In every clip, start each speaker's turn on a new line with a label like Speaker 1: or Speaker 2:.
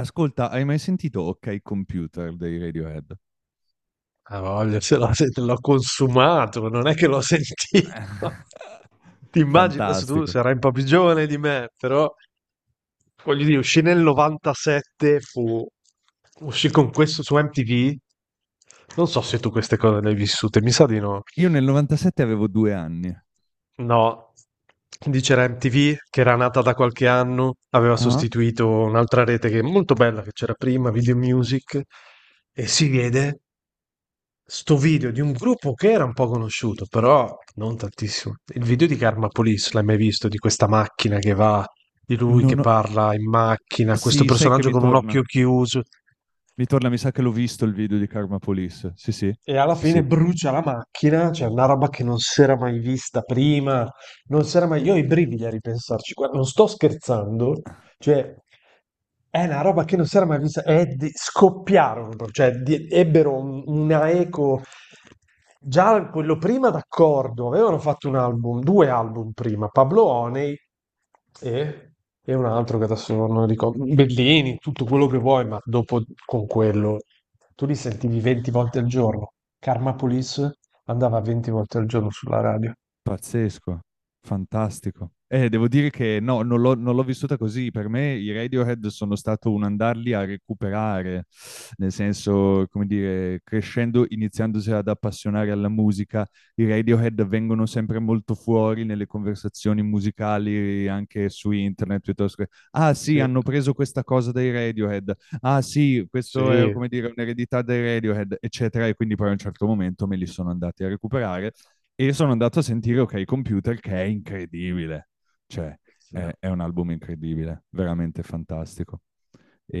Speaker 1: Ascolta, hai mai sentito OK Computer dei Radiohead?
Speaker 2: Ha voglia, se l'ho consumato, non è che l'ho sentito. Ti immagini, adesso tu
Speaker 1: Fantastico.
Speaker 2: sarai un po' più giovane di me, però voglio dire, uscì nel 97, uscì con questo su MTV. Non so se tu queste cose le hai vissute, mi sa di no.
Speaker 1: Io nel 97 avevo due anni.
Speaker 2: No, quindi c'era MTV che era nata da qualche anno, aveva
Speaker 1: Ah?
Speaker 2: sostituito un'altra rete che è molto bella che c'era prima, Video Music, e si vede sto video di un gruppo che era un po' conosciuto, però non tantissimo. Il video di Karma Police, l'hai mai visto? Di questa macchina che va, di lui che
Speaker 1: Non ho-
Speaker 2: parla in macchina, questo
Speaker 1: Sì, sai che
Speaker 2: personaggio
Speaker 1: mi
Speaker 2: con un
Speaker 1: torna.
Speaker 2: occhio chiuso.
Speaker 1: Mi torna, mi sa che l'ho visto il video di Karma Police. Sì, sì,
Speaker 2: E alla
Speaker 1: sì,
Speaker 2: fine
Speaker 1: sì.
Speaker 2: brucia la macchina, cioè una roba che non si era mai vista prima, non si era mai... Io ho i brividi a ripensarci, guarda, non sto scherzando, cioè è una roba che non si era mai vista, è di- scoppiarono, proprio, cioè di- ebbero un- una eco, già quello prima d'accordo, avevano fatto un album, due album prima, Pablo Honey e, e un altro che adesso non ricordo, Bellini, tutto quello che vuoi, ma dopo con quello tu li sentivi 20 volte al giorno. Karma Police andava 20 volte al giorno sulla radio.
Speaker 1: Pazzesco, fantastico. Devo dire che no, non l'ho vissuta così. Per me i Radiohead sono stato un andarli a recuperare, nel senso, come dire, crescendo, iniziandosi ad appassionare alla musica, i Radiohead vengono sempre molto fuori nelle conversazioni musicali, anche su internet, piuttosto che, ah sì,
Speaker 2: Sì,
Speaker 1: hanno preso questa cosa dai Radiohead, ah sì, questo è,
Speaker 2: sì.
Speaker 1: come dire, un'eredità dai Radiohead, eccetera. E quindi poi a un certo momento me li sono andati a recuperare e sono andato a sentire Ok Computer che è incredibile, cioè
Speaker 2: Sì.
Speaker 1: è un album incredibile, veramente fantastico.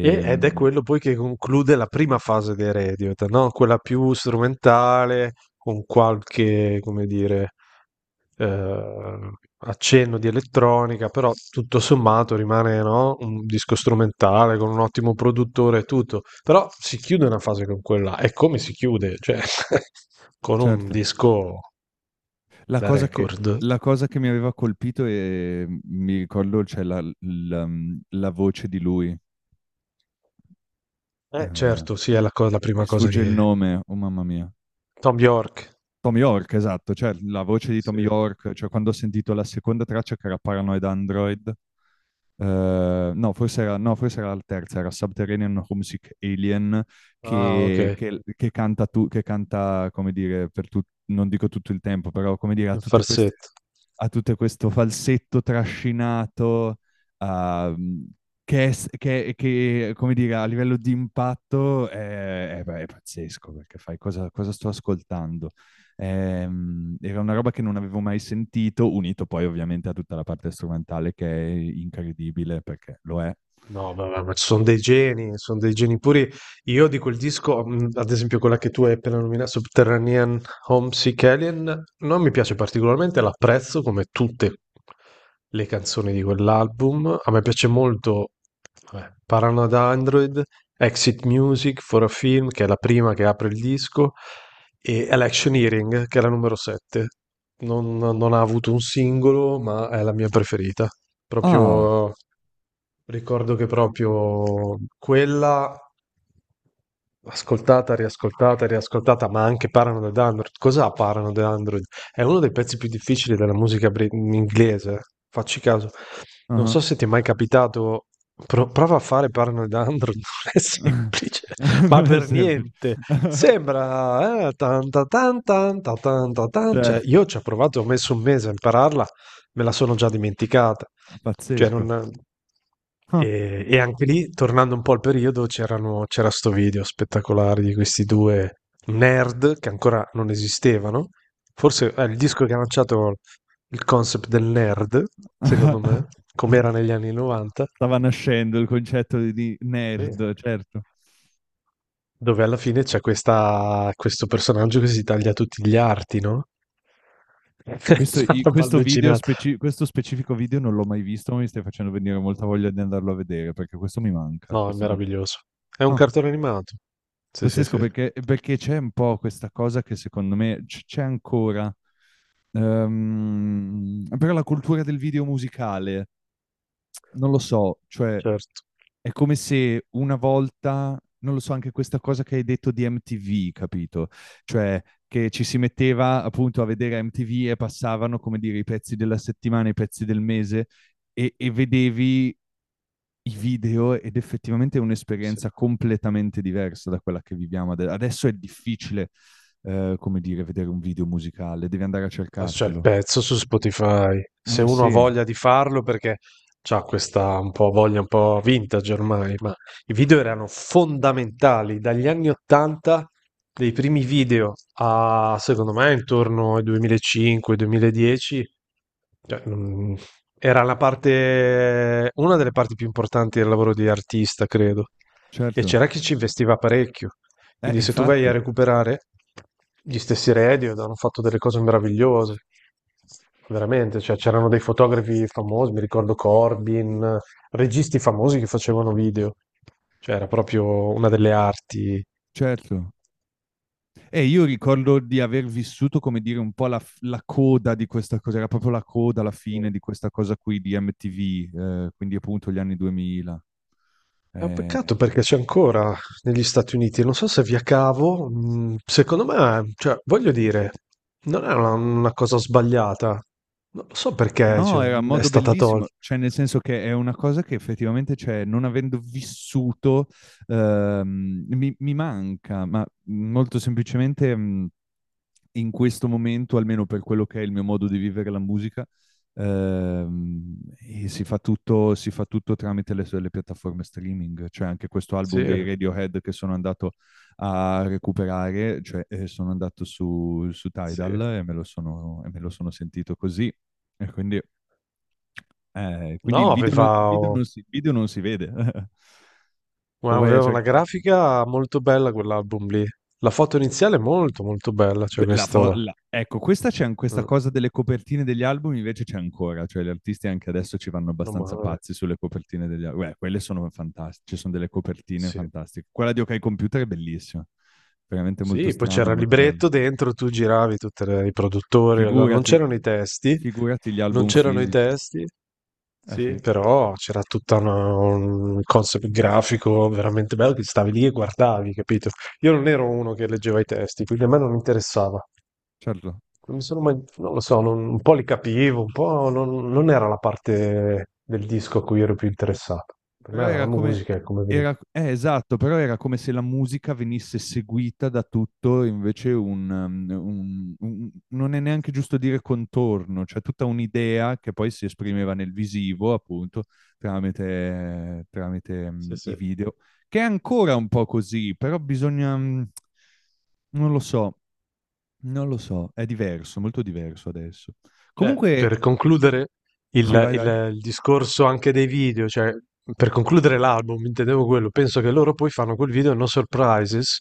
Speaker 2: E- ed è quello poi che conclude la prima fase dei Radiohead, no? Quella più strumentale, con qualche, come dire, eh, accenno di elettronica, però tutto sommato rimane, no? Un disco strumentale con un ottimo produttore e tutto. Però si chiude una fase con quella, e come si chiude? Cioè, con un
Speaker 1: certo,
Speaker 2: disco
Speaker 1: la
Speaker 2: da
Speaker 1: cosa che,
Speaker 2: record.
Speaker 1: la cosa che mi aveva colpito e mi ricordo la voce di lui,
Speaker 2: Eh
Speaker 1: eh,
Speaker 2: certo, sì, è la
Speaker 1: mi
Speaker 2: prima cosa
Speaker 1: sfugge il
Speaker 2: che
Speaker 1: nome, oh mamma mia,
Speaker 2: Tom York,
Speaker 1: Tom York, esatto, cioè la voce di Tom
Speaker 2: sì.
Speaker 1: York, cioè quando ho sentito la seconda traccia che era Paranoid Android, no, forse era la terza, era Subterranean Homesick Alien,
Speaker 2: Ah okay,
Speaker 1: che canta, che canta, come dire, non dico tutto il tempo, però come dire, ha
Speaker 2: il
Speaker 1: tutte queste
Speaker 2: farsetto.
Speaker 1: a tutto questo falsetto trascinato, ehm, che, è s- che, come dire, a livello di impatto è pazzesco, perché fai cosa, cosa sto ascoltando? Era una roba che non avevo mai sentito, unito poi ovviamente a tutta la parte strumentale che è incredibile, perché lo è.
Speaker 2: No, ma ci sono dei geni puri. Io di quel disco, ad esempio quella che tu hai appena nominato, Subterranean Homesick Alien, non mi piace particolarmente, l'apprezzo come tutte le canzoni di quell'album. A me piace molto vabbè, Paranoid Android, Exit Music for a Film, che è la prima che apre il disco, e Election Hearing, che è la numero 7. Non ha avuto un singolo, ma è la mia preferita.
Speaker 1: Ah,
Speaker 2: Proprio. Ricordo che proprio quella ascoltata, riascoltata, riascoltata, ma anche Paranoid Android. Cos'ha Paranoid Android? È uno dei pezzi più difficili della musica inglese. Facci caso.
Speaker 1: ah,
Speaker 2: Non
Speaker 1: ah.
Speaker 2: so se ti è mai capitato, prova a fare Paranoid Android, non è semplice, ma
Speaker 1: Non è
Speaker 2: per
Speaker 1: semplice.
Speaker 2: niente. Sembra tan ta tan ta tan. Cioè,
Speaker 1: Certo,
Speaker 2: io ci ho provato, ho messo un mese a impararla, me la sono già dimenticata. Cioè, non...
Speaker 1: pazzesco. Ah.
Speaker 2: E anche lì, tornando un po' al periodo, c'era sto video spettacolare di questi due nerd che ancora non esistevano. Forse è il disco che ha lanciato il concept del nerd,
Speaker 1: ah,
Speaker 2: secondo
Speaker 1: ah.
Speaker 2: me, come era negli anni 90.
Speaker 1: Stava nascendo il concetto di
Speaker 2: Sì.
Speaker 1: nerd, certo.
Speaker 2: Dove alla fine c'è questo personaggio che si taglia tutti gli arti, no? È una roba
Speaker 1: Questo
Speaker 2: allucinata.
Speaker 1: questo specifico video non l'ho mai visto, ma mi stai facendo venire molta voglia di andarlo a vedere, perché questo mi manca.
Speaker 2: No, è
Speaker 1: Questo non...
Speaker 2: meraviglioso. È un
Speaker 1: Ah,
Speaker 2: cartone animato. Sì, sì,
Speaker 1: pazzesco,
Speaker 2: sì,
Speaker 1: perché, perché c'è un po' questa cosa che secondo me c'è ancora. Però la cultura del video musicale, non lo so, cioè
Speaker 2: certo.
Speaker 1: è come se una volta, non lo so, anche questa cosa che hai detto di MTV, capito? Cioè che ci si metteva appunto a vedere MTV e passavano, come dire, i pezzi della settimana, i pezzi del mese e vedevi i video ed effettivamente è
Speaker 2: Sì.
Speaker 1: un'esperienza completamente diversa da quella che viviamo adesso. È difficile, come dire, vedere un video musicale, devi andare a
Speaker 2: Ah, c'è il
Speaker 1: cercartelo.
Speaker 2: pezzo su Spotify. Se
Speaker 1: Eh
Speaker 2: uno ha
Speaker 1: sì,
Speaker 2: voglia di farlo, perché c'ha questa un po' voglia un po' vintage ormai, ma i video erano fondamentali dagli anni 80, dei primi video a secondo me intorno ai 2005-2010. Cioè, non- era la parte, una delle parti più importanti del lavoro di artista, credo. E
Speaker 1: certo.
Speaker 2: c'era chi ci investiva parecchio. Quindi se tu vai a
Speaker 1: Infatti,
Speaker 2: recuperare gli stessi Radiohead hanno fatto delle cose meravigliose, veramente, cioè c'erano dei fotografi famosi, mi ricordo Corbin, registi famosi che facevano video, cioè era proprio una delle arti.
Speaker 1: certo. E io ricordo di aver vissuto, come dire, un po' la coda di questa cosa, era proprio la coda, la fine di questa cosa qui di MTV, quindi appunto gli anni 2000.
Speaker 2: È un peccato
Speaker 1: Sì.
Speaker 2: perché c'è ancora negli Stati Uniti, non so se via cavo, secondo me, cioè, voglio dire, non è una cosa sbagliata, non lo so perché,
Speaker 1: No,
Speaker 2: cioè,
Speaker 1: era un
Speaker 2: è
Speaker 1: modo
Speaker 2: stata
Speaker 1: bellissimo,
Speaker 2: tolta.
Speaker 1: cioè nel senso che è una cosa che effettivamente, cioè, non avendo vissuto, mi manca, ma molto semplicemente... in questo momento, almeno per quello che è il mio modo di vivere la musica, e si fa tutto tramite le piattaforme streaming, cioè anche questo
Speaker 2: Sì,
Speaker 1: album dei Radiohead che sono andato a recuperare, cioè sono andato su, su
Speaker 2: sì.
Speaker 1: Tidal e me lo sono, e me lo sono sentito così, e quindi, quindi
Speaker 2: No, aveva,
Speaker 1: il video non si vede, o vai a
Speaker 2: aveva una
Speaker 1: cercarlo.
Speaker 2: grafica molto bella quell'album lì. La foto iniziale è molto molto bella, cioè
Speaker 1: Beh,
Speaker 2: questo...
Speaker 1: Ecco, questa
Speaker 2: Mm,
Speaker 1: cosa delle copertine degli album invece c'è ancora, cioè gli artisti anche adesso ci vanno
Speaker 2: meno
Speaker 1: abbastanza
Speaker 2: male,
Speaker 1: pazzi sulle copertine degli album. Beh, quelle sono fantastiche, ci sono delle copertine
Speaker 2: sì.
Speaker 1: fantastiche. Quella di OK Computer è bellissima, veramente molto
Speaker 2: Sì, poi
Speaker 1: strana, e
Speaker 2: c'era il
Speaker 1: molto bella.
Speaker 2: libretto dentro, tu giravi tutti i produttori, allora non
Speaker 1: Figurati,
Speaker 2: c'erano i testi,
Speaker 1: figurati gli
Speaker 2: non
Speaker 1: album
Speaker 2: c'erano i
Speaker 1: fisici.
Speaker 2: testi,
Speaker 1: Eh
Speaker 2: sì,
Speaker 1: sì,
Speaker 2: però c'era tutto un concept grafico veramente bello che stavi lì e guardavi, capito? Io non ero uno che leggeva i testi, quindi a me non interessava.
Speaker 1: certo.
Speaker 2: Non sono mai- non lo so, non- un po' li capivo, un po' non, non era la parte del disco a cui ero più interessato. Per me
Speaker 1: Però
Speaker 2: era la
Speaker 1: era come...
Speaker 2: musica, e come veniva.
Speaker 1: Esatto, però era come se la musica venisse seguita da tutto, invece un, um, un- non è neanche giusto dire contorno, cioè tutta un'idea che poi si esprimeva nel visivo, appunto, tramite, tramite,
Speaker 2: Sì,
Speaker 1: um, i
Speaker 2: sì.
Speaker 1: video, che è ancora un po' così, però bisogna, non lo so, non lo so, è diverso, molto diverso adesso.
Speaker 2: Cioè,
Speaker 1: Comunque,
Speaker 2: per concludere, Il,
Speaker 1: sì, vai, vai,
Speaker 2: il- il discorso anche dei video, cioè per concludere l'album, intendevo quello. Penso che loro poi fanno quel video No Surprises,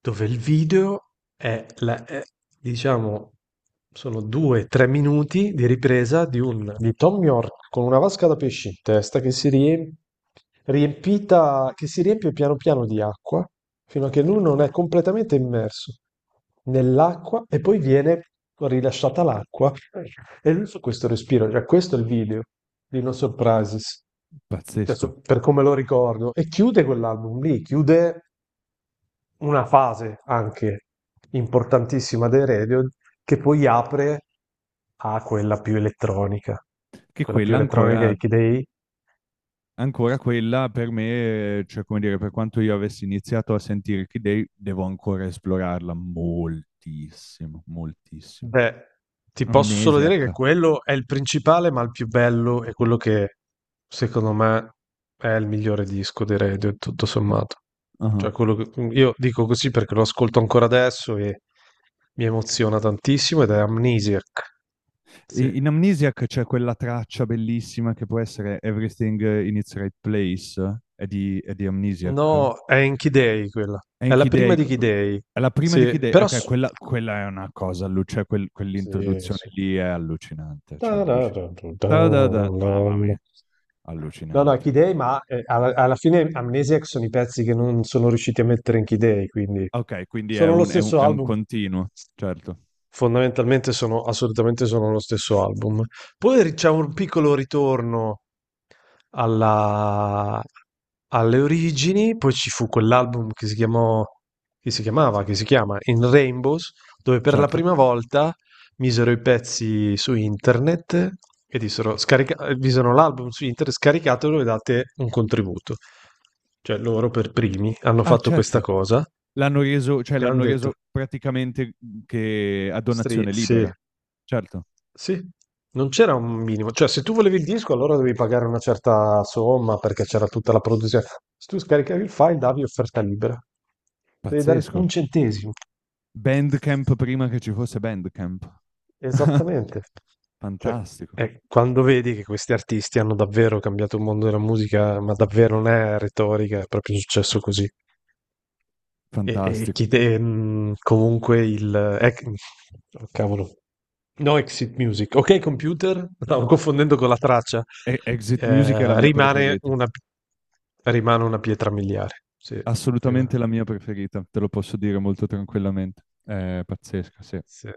Speaker 2: dove il video è, diciamo, sono due, tre minuti di ripresa di, un, di Tom York con una vasca da pesci in testa che si riempie, riempita, che si riempie piano piano di acqua fino a che lui non è completamente immerso nell'acqua e poi viene rilasciata l'acqua e lui su questo respiro, cioè questo è il video di No Surprises,
Speaker 1: pazzesco,
Speaker 2: adesso per come lo ricordo, e chiude quell'album lì, chiude una fase anche importantissima dei Radio che poi apre a
Speaker 1: che
Speaker 2: quella più
Speaker 1: quella
Speaker 2: elettronica
Speaker 1: ancora
Speaker 2: di Kidei.
Speaker 1: ancora quella per me, cioè come dire, per quanto io avessi iniziato a sentire Kid Day, devo ancora esplorarla moltissimo, moltissimo.
Speaker 2: Beh, ti posso solo dire che
Speaker 1: Amnesiac.
Speaker 2: quello è il principale, ma il più bello è quello che secondo me è il migliore disco dei Radio, tutto sommato.
Speaker 1: Ah.
Speaker 2: Cioè, quello che mm, io dico così perché lo ascolto ancora adesso e mi emoziona tantissimo ed è Amnesiac. Sì.
Speaker 1: In Amnesiac c'è quella traccia bellissima che può essere Everything in its right place, è di Amnesiac.
Speaker 2: No, è in Key Day quella.
Speaker 1: E in
Speaker 2: È la
Speaker 1: Kid
Speaker 2: prima
Speaker 1: Day,
Speaker 2: di Key Day.
Speaker 1: è la prima di Kid
Speaker 2: Sì,
Speaker 1: Day,
Speaker 2: però
Speaker 1: ok,
Speaker 2: s-
Speaker 1: quella è una cosa,
Speaker 2: sì,
Speaker 1: quell'introduzione
Speaker 2: sì.
Speaker 1: lì è allucinante, cioè allucinante.
Speaker 2: No,
Speaker 1: Mamma mia,
Speaker 2: no,
Speaker 1: allucinante.
Speaker 2: Key Day, ma alla fine Amnesiac sono i pezzi che non sono riusciti a mettere in Key Day, quindi
Speaker 1: Ok, quindi è
Speaker 2: sono lo stesso
Speaker 1: è un
Speaker 2: album.
Speaker 1: continuo, certo,
Speaker 2: Fondamentalmente sono assolutamente sono lo stesso album. Poi c'è un piccolo ritorno alla- alle origini, poi ci fu quell'album che si chiamò, che si chiamava, che si chiama In Rainbows, dove per la
Speaker 1: certo.
Speaker 2: prima volta misero i pezzi su internet e dissero, misero l'album su internet, scaricatelo e date un contributo. Cioè loro per primi hanno
Speaker 1: Ah,
Speaker 2: fatto questa
Speaker 1: certo.
Speaker 2: cosa,
Speaker 1: L'hanno reso, cioè
Speaker 2: che hanno
Speaker 1: l'hanno
Speaker 2: detto,
Speaker 1: reso praticamente che a donazione
Speaker 2: sì.
Speaker 1: libera. Certo,
Speaker 2: Sì, non c'era un minimo, cioè se tu volevi il disco allora dovevi pagare una certa somma perché c'era tutta la produzione. Se tu scaricavi il file davi offerta libera, devi dare
Speaker 1: pazzesco.
Speaker 2: un centesimo.
Speaker 1: Bandcamp prima che ci fosse Bandcamp.
Speaker 2: Esattamente. Cioè,
Speaker 1: Fantastico,
Speaker 2: quando vedi che questi artisti hanno davvero cambiato il mondo della musica, ma davvero non è retorica, è proprio successo così. E
Speaker 1: fantastico.
Speaker 2: chi comunque il... ec- oh, cavolo. No, Exit Music. Ok, computer, stavo confondendo con la traccia.
Speaker 1: Exit Music è la
Speaker 2: Eh,
Speaker 1: mia
Speaker 2: rimane
Speaker 1: preferita,
Speaker 2: una, rimane una pietra miliare. Sì, rimane.
Speaker 1: assolutamente la mia preferita, te lo posso dire molto tranquillamente. È pazzesca, sì.
Speaker 2: Sì.